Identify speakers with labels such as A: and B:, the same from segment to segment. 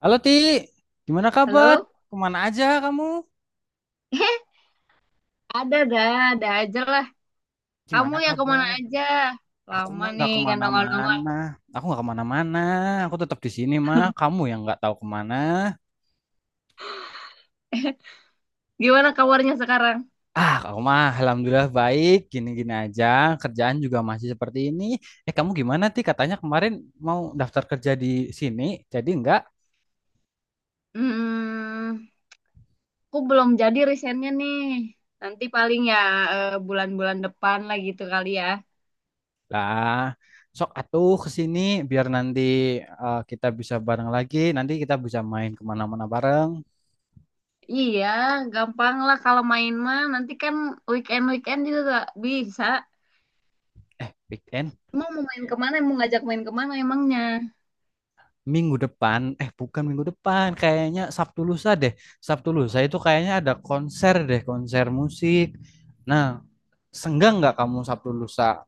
A: Halo Ti, gimana kabar?
B: Halo?
A: Kemana aja kamu?
B: Eh, ada dah, ada aja lah. Kamu
A: Gimana
B: yang kemana
A: kabar?
B: aja?
A: Aku
B: Lama
A: mah
B: nih
A: nggak
B: nggak nongol-nongol.
A: kemana-mana. Aku nggak kemana-mana. Aku tetap di sini mah. Kamu yang nggak tahu kemana.
B: Gimana kabarnya sekarang?
A: Ah, aku mah alhamdulillah baik. Gini-gini aja. Kerjaan juga masih seperti ini. Eh, kamu gimana Ti? Katanya kemarin mau daftar kerja di sini. Jadi nggak
B: Hmm, aku belum jadi risetnya nih. Nanti paling ya bulan-bulan depan lah gitu kali ya.
A: lah. Sok atuh ke sini biar nanti kita bisa bareng lagi. Nanti kita bisa main kemana-mana bareng.
B: Iya, gampang lah kalau main mah. Nanti kan weekend-weekend juga gak bisa.
A: Eh, Big weekend.
B: Emang mau main kemana? Mau ngajak main kemana emangnya?
A: Minggu depan, eh bukan minggu depan, kayaknya Sabtu lusa deh. Sabtu lusa itu kayaknya ada konser deh, konser musik. Nah, senggang nggak kamu Sabtu lusa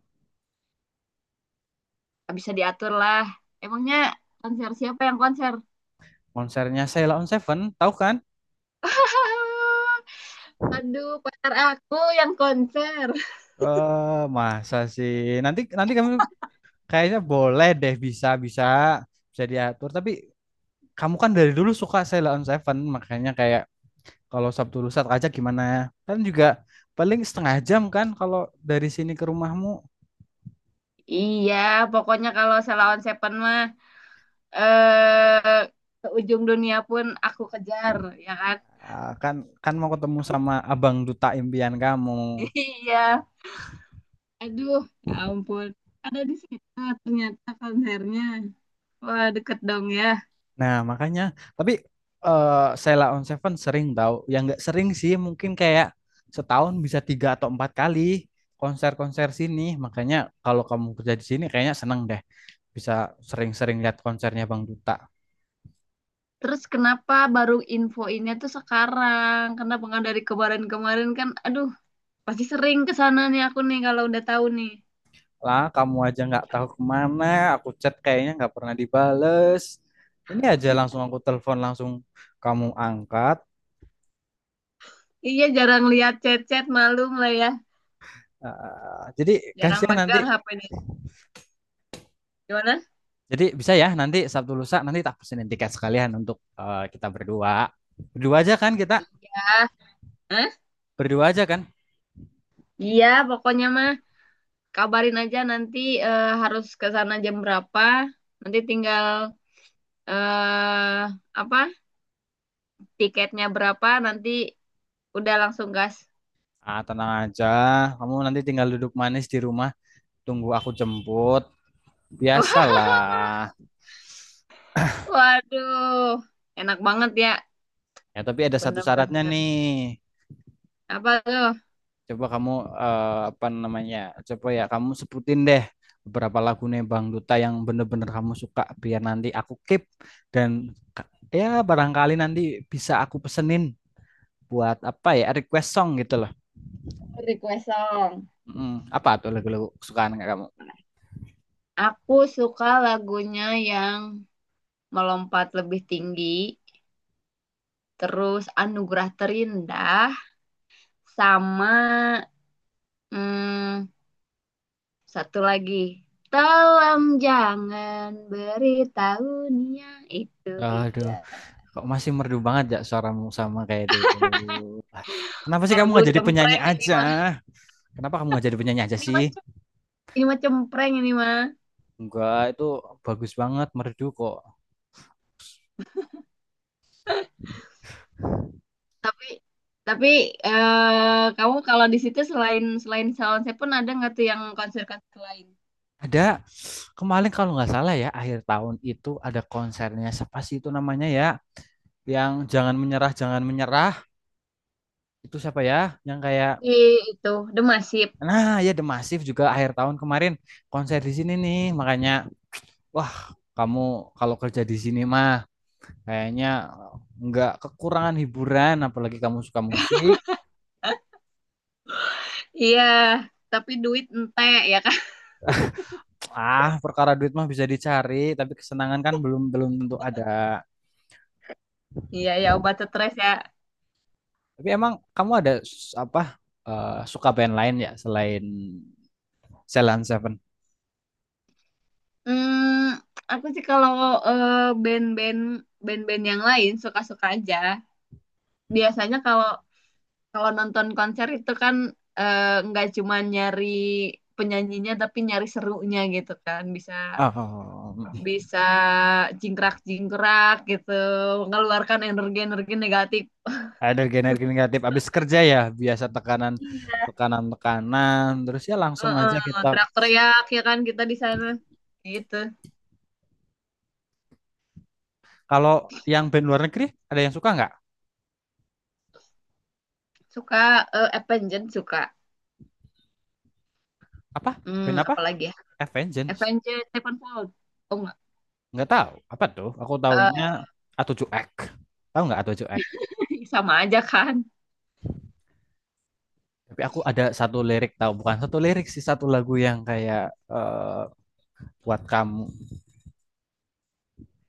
B: Gak bisa diatur lah. Emangnya konser siapa yang konser?
A: konsernya Sheila on Seven, tahu kan?
B: Aduh, pacar aku yang konser.
A: Eh, masa sih? Nanti nanti kamu kayaknya boleh deh bisa bisa bisa diatur. Tapi kamu kan dari dulu suka Sheila on Seven, makanya kayak kalau Sabtu lusa aja gimana? Ya? Kan juga paling setengah jam kan kalau dari sini ke rumahmu.
B: Iya, pokoknya kalau Selawan Seven mah eh ke ujung dunia pun aku kejar, ya kan?
A: Ah, kan kan mau ketemu sama abang duta impian kamu.
B: Iya. Aduh, ya ampun. Ada di situ ternyata konsernya. Wah, deket dong ya.
A: Nah, makanya tapi eh Sheila on Seven sering tahu. Yang nggak sering sih mungkin kayak setahun bisa tiga atau empat kali konser-konser sini. Makanya kalau kamu kerja di sini kayaknya seneng deh bisa sering-sering lihat konsernya Bang Duta.
B: Terus kenapa baru infoinnya tuh sekarang? Kenapa nggak dari kemarin-kemarin kan? Aduh, pasti sering ke sana nih aku nih kalau udah tahu nih.
A: Lah, kamu aja nggak tahu kemana, aku chat kayaknya nggak pernah dibales. Ini aja langsung aku telepon langsung kamu angkat.
B: Iya, jarang lihat chat-chat malu lah ya.
A: Eh, jadi
B: Jarang
A: kasihan nanti.
B: pegang HP nih. Gimana?
A: Jadi bisa ya nanti Sabtu lusa nanti tak pesenin tiket sekalian untuk kita berdua. Berdua aja kan kita?
B: Iya. Hah?
A: Berdua aja kan?
B: Iya, pokoknya mah kabarin aja nanti harus ke sana jam berapa. Nanti tinggal eh apa? Tiketnya berapa nanti udah langsung gas.
A: Ah, tenang aja. Kamu nanti tinggal duduk manis di rumah, tunggu aku jemput. Biasalah.
B: Waduh, enak banget ya.
A: Ya, tapi ada satu syaratnya
B: Bener-bener.
A: nih.
B: Apa tuh?
A: Coba kamu apa namanya? Coba ya kamu sebutin deh beberapa lagu nih Bang Duta yang bener-bener kamu suka biar nanti aku keep dan ya barangkali nanti bisa aku pesenin buat apa ya request song gitu loh.
B: Request song.
A: Mm, apa tuh lagu-lagu kesukaan nggak kamu?
B: Aku suka lagunya yang melompat lebih tinggi, terus anugerah terindah, sama hmm, satu lagi. Tolong jangan beritahu Nia, itu
A: Aduh,
B: dia.
A: kok masih merdu banget ya suaramu sama kayak dulu. Ah, kenapa sih kamu
B: Merdu
A: nggak jadi penyanyi
B: cempreng ini
A: aja?
B: mah.
A: Kenapa kamu nggak jadi penyanyi aja
B: Ini
A: sih?
B: mah ini mah cempreng ini mah.
A: Enggak, itu bagus banget merdu kok.
B: Tapi tapi kamu kalau di situ selain selain Salon Seven ada nggak tuh yang konser-konser lain?
A: Ada kemarin kalau nggak salah ya akhir tahun itu ada konsernya siapa sih itu namanya ya? Yang jangan menyerah, jangan menyerah itu siapa ya? Yang kayak.
B: Di itu The Massive.
A: Nah, ya The Massive juga akhir tahun kemarin konser di sini nih. Makanya wah kamu kalau kerja di sini mah kayaknya nggak kekurangan hiburan, apalagi kamu suka musik.
B: Iya, tapi duit ente ya kan.
A: Ah, perkara duit mah bisa dicari, tapi kesenangan kan belum belum tentu ada.
B: Iya ya, obat stres ya.
A: Tapi emang kamu ada apa suka band lain ya selain Celan Seven?
B: Hmm, aku sih kalau eh, band-band band-band yang lain suka-suka aja. Biasanya kalau kalau nonton konser itu kan eh, nggak cuma nyari penyanyinya tapi nyari serunya gitu kan bisa
A: Oh,
B: bisa jingkrak-jingkrak gitu, mengeluarkan energi-energi negatif.
A: ada energi negatif. Abis kerja ya biasa tekanan
B: Iya.
A: tekanan tekanan. Terus ya langsung
B: Heeh,
A: aja kita.
B: teriak-teriak ya kan kita di sana gitu.
A: Kalau yang band luar negeri ada yang suka nggak?
B: Suka Avenged suka,
A: Apa band apa?
B: apalagi ya.
A: Avengers.
B: Avenged Sevenfold, oh enggak.
A: Nggak tahu. Apa tuh? Aku taunya A7X. Tahu nggak A7X?
B: Sama aja kan.
A: Tapi aku ada satu lirik tahu, bukan satu lirik sih, satu lagu yang kayak eh, buat kamu.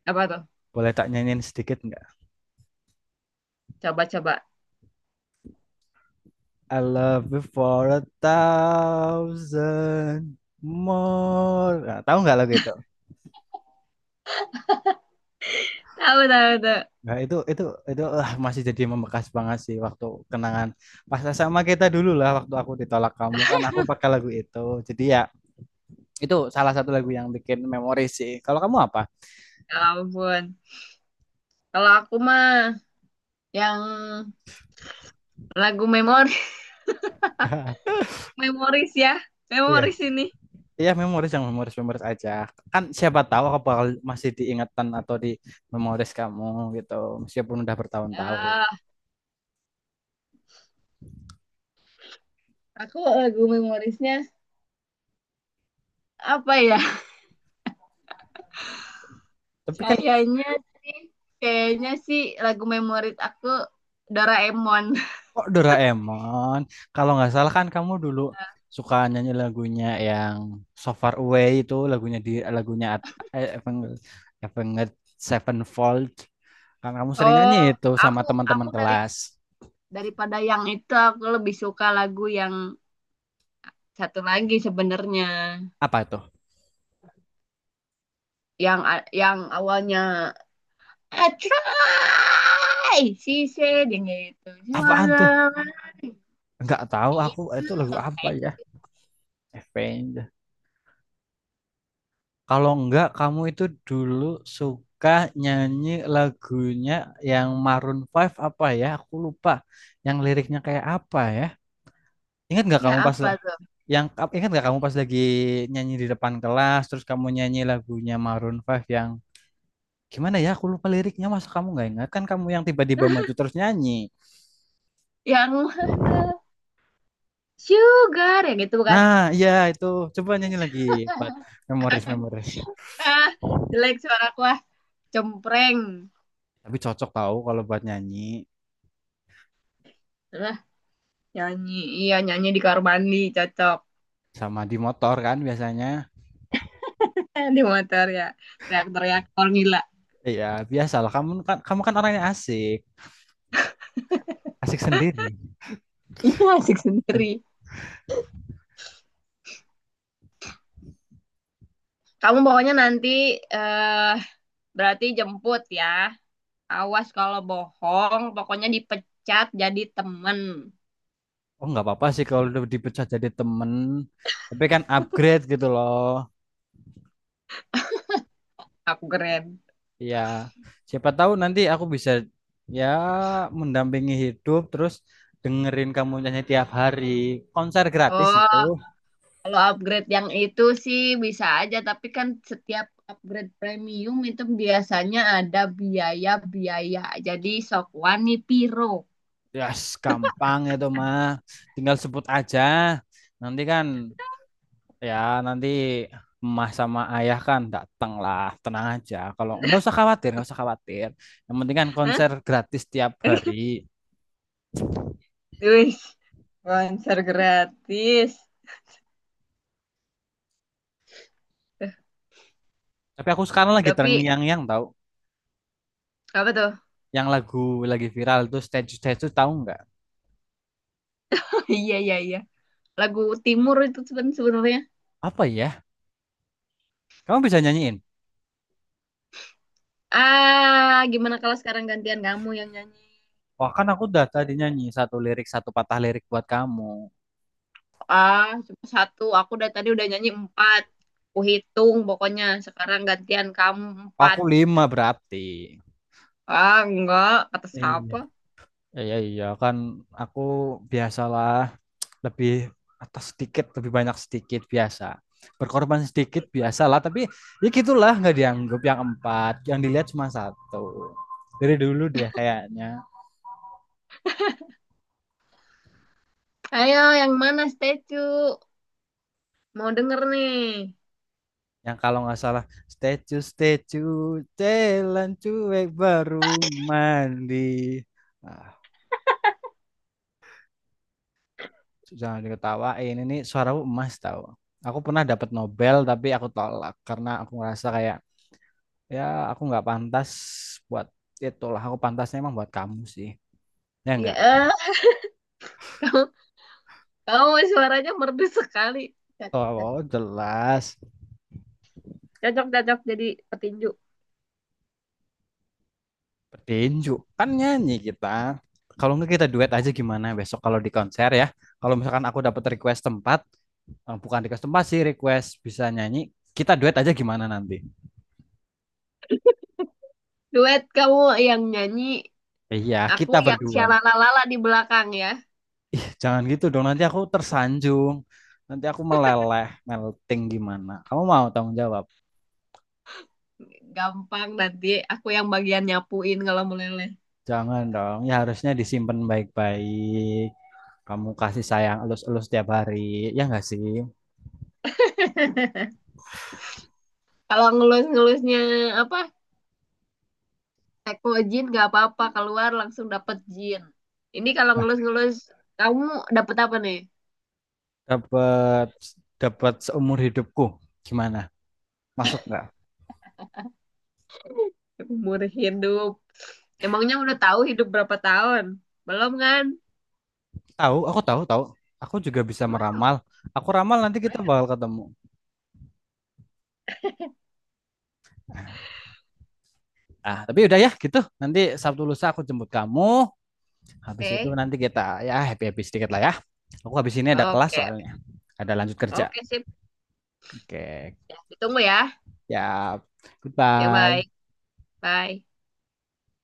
B: Apa tuh?
A: Boleh tak nyanyiin sedikit nggak?
B: Coba-coba.
A: I love you for a thousand more. Nah, tahu nggak lagu itu?
B: Tahu tahu tahu.
A: Nah, itu itu ah, masih jadi membekas banget sih waktu kenangan pas sama kita dulu lah waktu aku ditolak kamu kan aku pakai lagu itu. Jadi ya itu salah satu lagu yang bikin memori sih. Kalau kamu apa?
B: Ya ampun, kalau aku mah yang lagu memori. Memoris ya,
A: Iya,
B: memoris ini.
A: iya memoris yang memoris memoris aja. Kan siapa tahu aku bakal masih diingatan atau di memoris kamu gitu, meskipun udah bertahun-tahun.
B: Ah, aku lagu memorisnya apa ya.
A: Tapi kan
B: Kayaknya sih kayaknya sih lagu memoris aku Doraemon.
A: kok Doraemon, kalau nggak salah kan kamu dulu suka nyanyi lagunya yang So Far Away itu lagunya di lagunya At- eh, Avenged Avenged Sevenfold. Kan kamu sering nyanyi
B: Oh,
A: itu sama
B: aku aku
A: teman-teman
B: dari,
A: kelas.
B: daripada yang itu aku lebih suka lagu yang satu lagi sebenarnya.
A: Apa itu?
B: Yang yang awalnya I try she said yang gitu, She was
A: Apaan tuh?
B: a-.
A: Nggak tahu aku
B: Itu
A: itu lagu
B: apa
A: apa
B: ya.
A: ya? Avenged. Kalau enggak, kamu itu dulu suka nyanyi lagunya yang Maroon Five apa ya? Aku lupa. Yang liriknya kayak apa ya? Ingat nggak
B: Iya,
A: kamu pas
B: apa tuh.
A: yang Ingat nggak kamu pas lagi nyanyi di depan kelas, terus kamu nyanyi lagunya Maroon Five yang gimana ya? Aku lupa liriknya. Masa kamu nggak ingat? Kan kamu yang tiba-tiba maju terus nyanyi.
B: Yang mana? Sugar yang itu bukan.
A: Nah, iya itu. Coba nyanyi lagi buat memoris-memoris.
B: Ah, jelek suaraku ah, cempreng.
A: Tapi cocok tahu kalau buat nyanyi
B: Lah, nyanyi. Iya, nyanyi di kamar mandi cocok.
A: sama di motor kan biasanya.
B: Di motor ya. Teriak-teriak orang gila.
A: Iya, biasalah. Kamu kan orangnya asik, asik sendiri.
B: Iya, asik sendiri. Kamu pokoknya nanti eh berarti jemput ya. Awas kalau bohong, pokoknya dipecat jadi temen.
A: Oh, nggak apa-apa sih kalau udah dipecah jadi temen. Tapi kan upgrade gitu loh.
B: Aku keren.
A: Iya. Siapa tahu nanti aku bisa ya mendampingi hidup terus dengerin kamu nyanyi tiap hari. Konser gratis itu.
B: Oh, kalau upgrade yang itu sih bisa aja, tapi kan setiap upgrade premium itu biasanya ada biaya-biaya. Jadi sok wani piro.
A: Yes, gampang itu mah. Tinggal sebut aja. Nanti kan ya, nanti emas sama ayah kan datang lah, tenang aja. Kalau nggak usah khawatir, nggak usah khawatir. Yang penting kan
B: Hah?
A: konser gratis tiap hari.
B: Wih, konser gratis. Eh,
A: Tapi aku sekarang lagi
B: Tapi
A: terngiang-ngiang tahu,
B: apa tuh?
A: yang lagu lagi viral itu stage stage itu tahu nggak?
B: Iya, iya, iya. Lagu Timur itu sebenarnya.
A: Apa ya? Kamu bisa nyanyiin?
B: Ah, gimana kalau sekarang gantian kamu yang nyanyi?
A: Wah kan aku udah tadi nyanyi satu lirik satu patah lirik buat kamu.
B: Ah, cuma satu. Aku dari tadi udah nyanyi empat. Aku hitung pokoknya. Sekarang gantian kamu empat.
A: Aku lima berarti.
B: Ah, enggak. Kata
A: Iya,
B: siapa?
A: iya, iya kan aku biasalah lebih atas sedikit lebih banyak sedikit biasa berkorban sedikit biasalah tapi ya gitulah nggak dianggap yang empat yang dilihat cuma satu dari dulu deh kayaknya
B: Ayo, yang mana statue? Mau denger nih.
A: yang kalau nggak salah statue statue jalan cuek baru mandi ah, jangan diketawain ini suara emas tahu aku pernah dapat Nobel tapi aku tolak karena aku ngerasa kayak ya aku nggak pantas buat itulah aku pantasnya emang buat kamu sih ya
B: Ya,
A: enggak.
B: kamu, kamu suaranya merdu sekali. Cocok, cocok.
A: Oh, jelas.
B: Cocok, cocok jadi petinju.
A: Petinju. Kan nyanyi kita. Kalau nggak kita duet aja gimana besok kalau di konser ya. Kalau misalkan aku dapat request tempat, bukan request tempat sih, request bisa nyanyi, kita duet aja gimana nanti?
B: Duet kamu yang nyanyi,
A: Iya,
B: aku
A: kita
B: yang
A: berdua.
B: syalalalala di belakang ya.
A: Ih, jangan gitu dong, nanti aku tersanjung. Nanti aku meleleh, melting gimana. Kamu mau tanggung jawab?
B: Gampang, nanti aku yang bagian nyapuin kalau meleleh.
A: Jangan dong, ya harusnya disimpan baik-baik. Kamu kasih sayang elus-elus tiap hari, ya nggak sih?
B: Kalau ngelus-ngelusnya apa? Teko jin gak apa-apa, keluar langsung dapet jin. Ini kalau ngelus-ngelus, kamu dapet apa nih?
A: Dapat dapat seumur hidupku. Gimana? Masuk nggak?
B: Umur hidup. Emangnya udah tahu hidup berapa tahun? Belum kan?
A: Tahu, aku tahu, tahu. Aku juga bisa
B: Hmm.
A: meramal. Aku ramal nanti kita bakal ketemu. Ah, tapi udah ya gitu. Nanti Sabtu lusa aku jemput kamu. Habis itu
B: Oke.
A: nanti kita ya happy-happy sedikit lah ya. Aku habis ini ada kelas
B: Oke.
A: soalnya. Ada lanjut kerja.
B: Oke, sip.
A: Oke.
B: Ya, ditunggu ya.
A: Ya.
B: Ya,
A: Goodbye.
B: bye. Bye.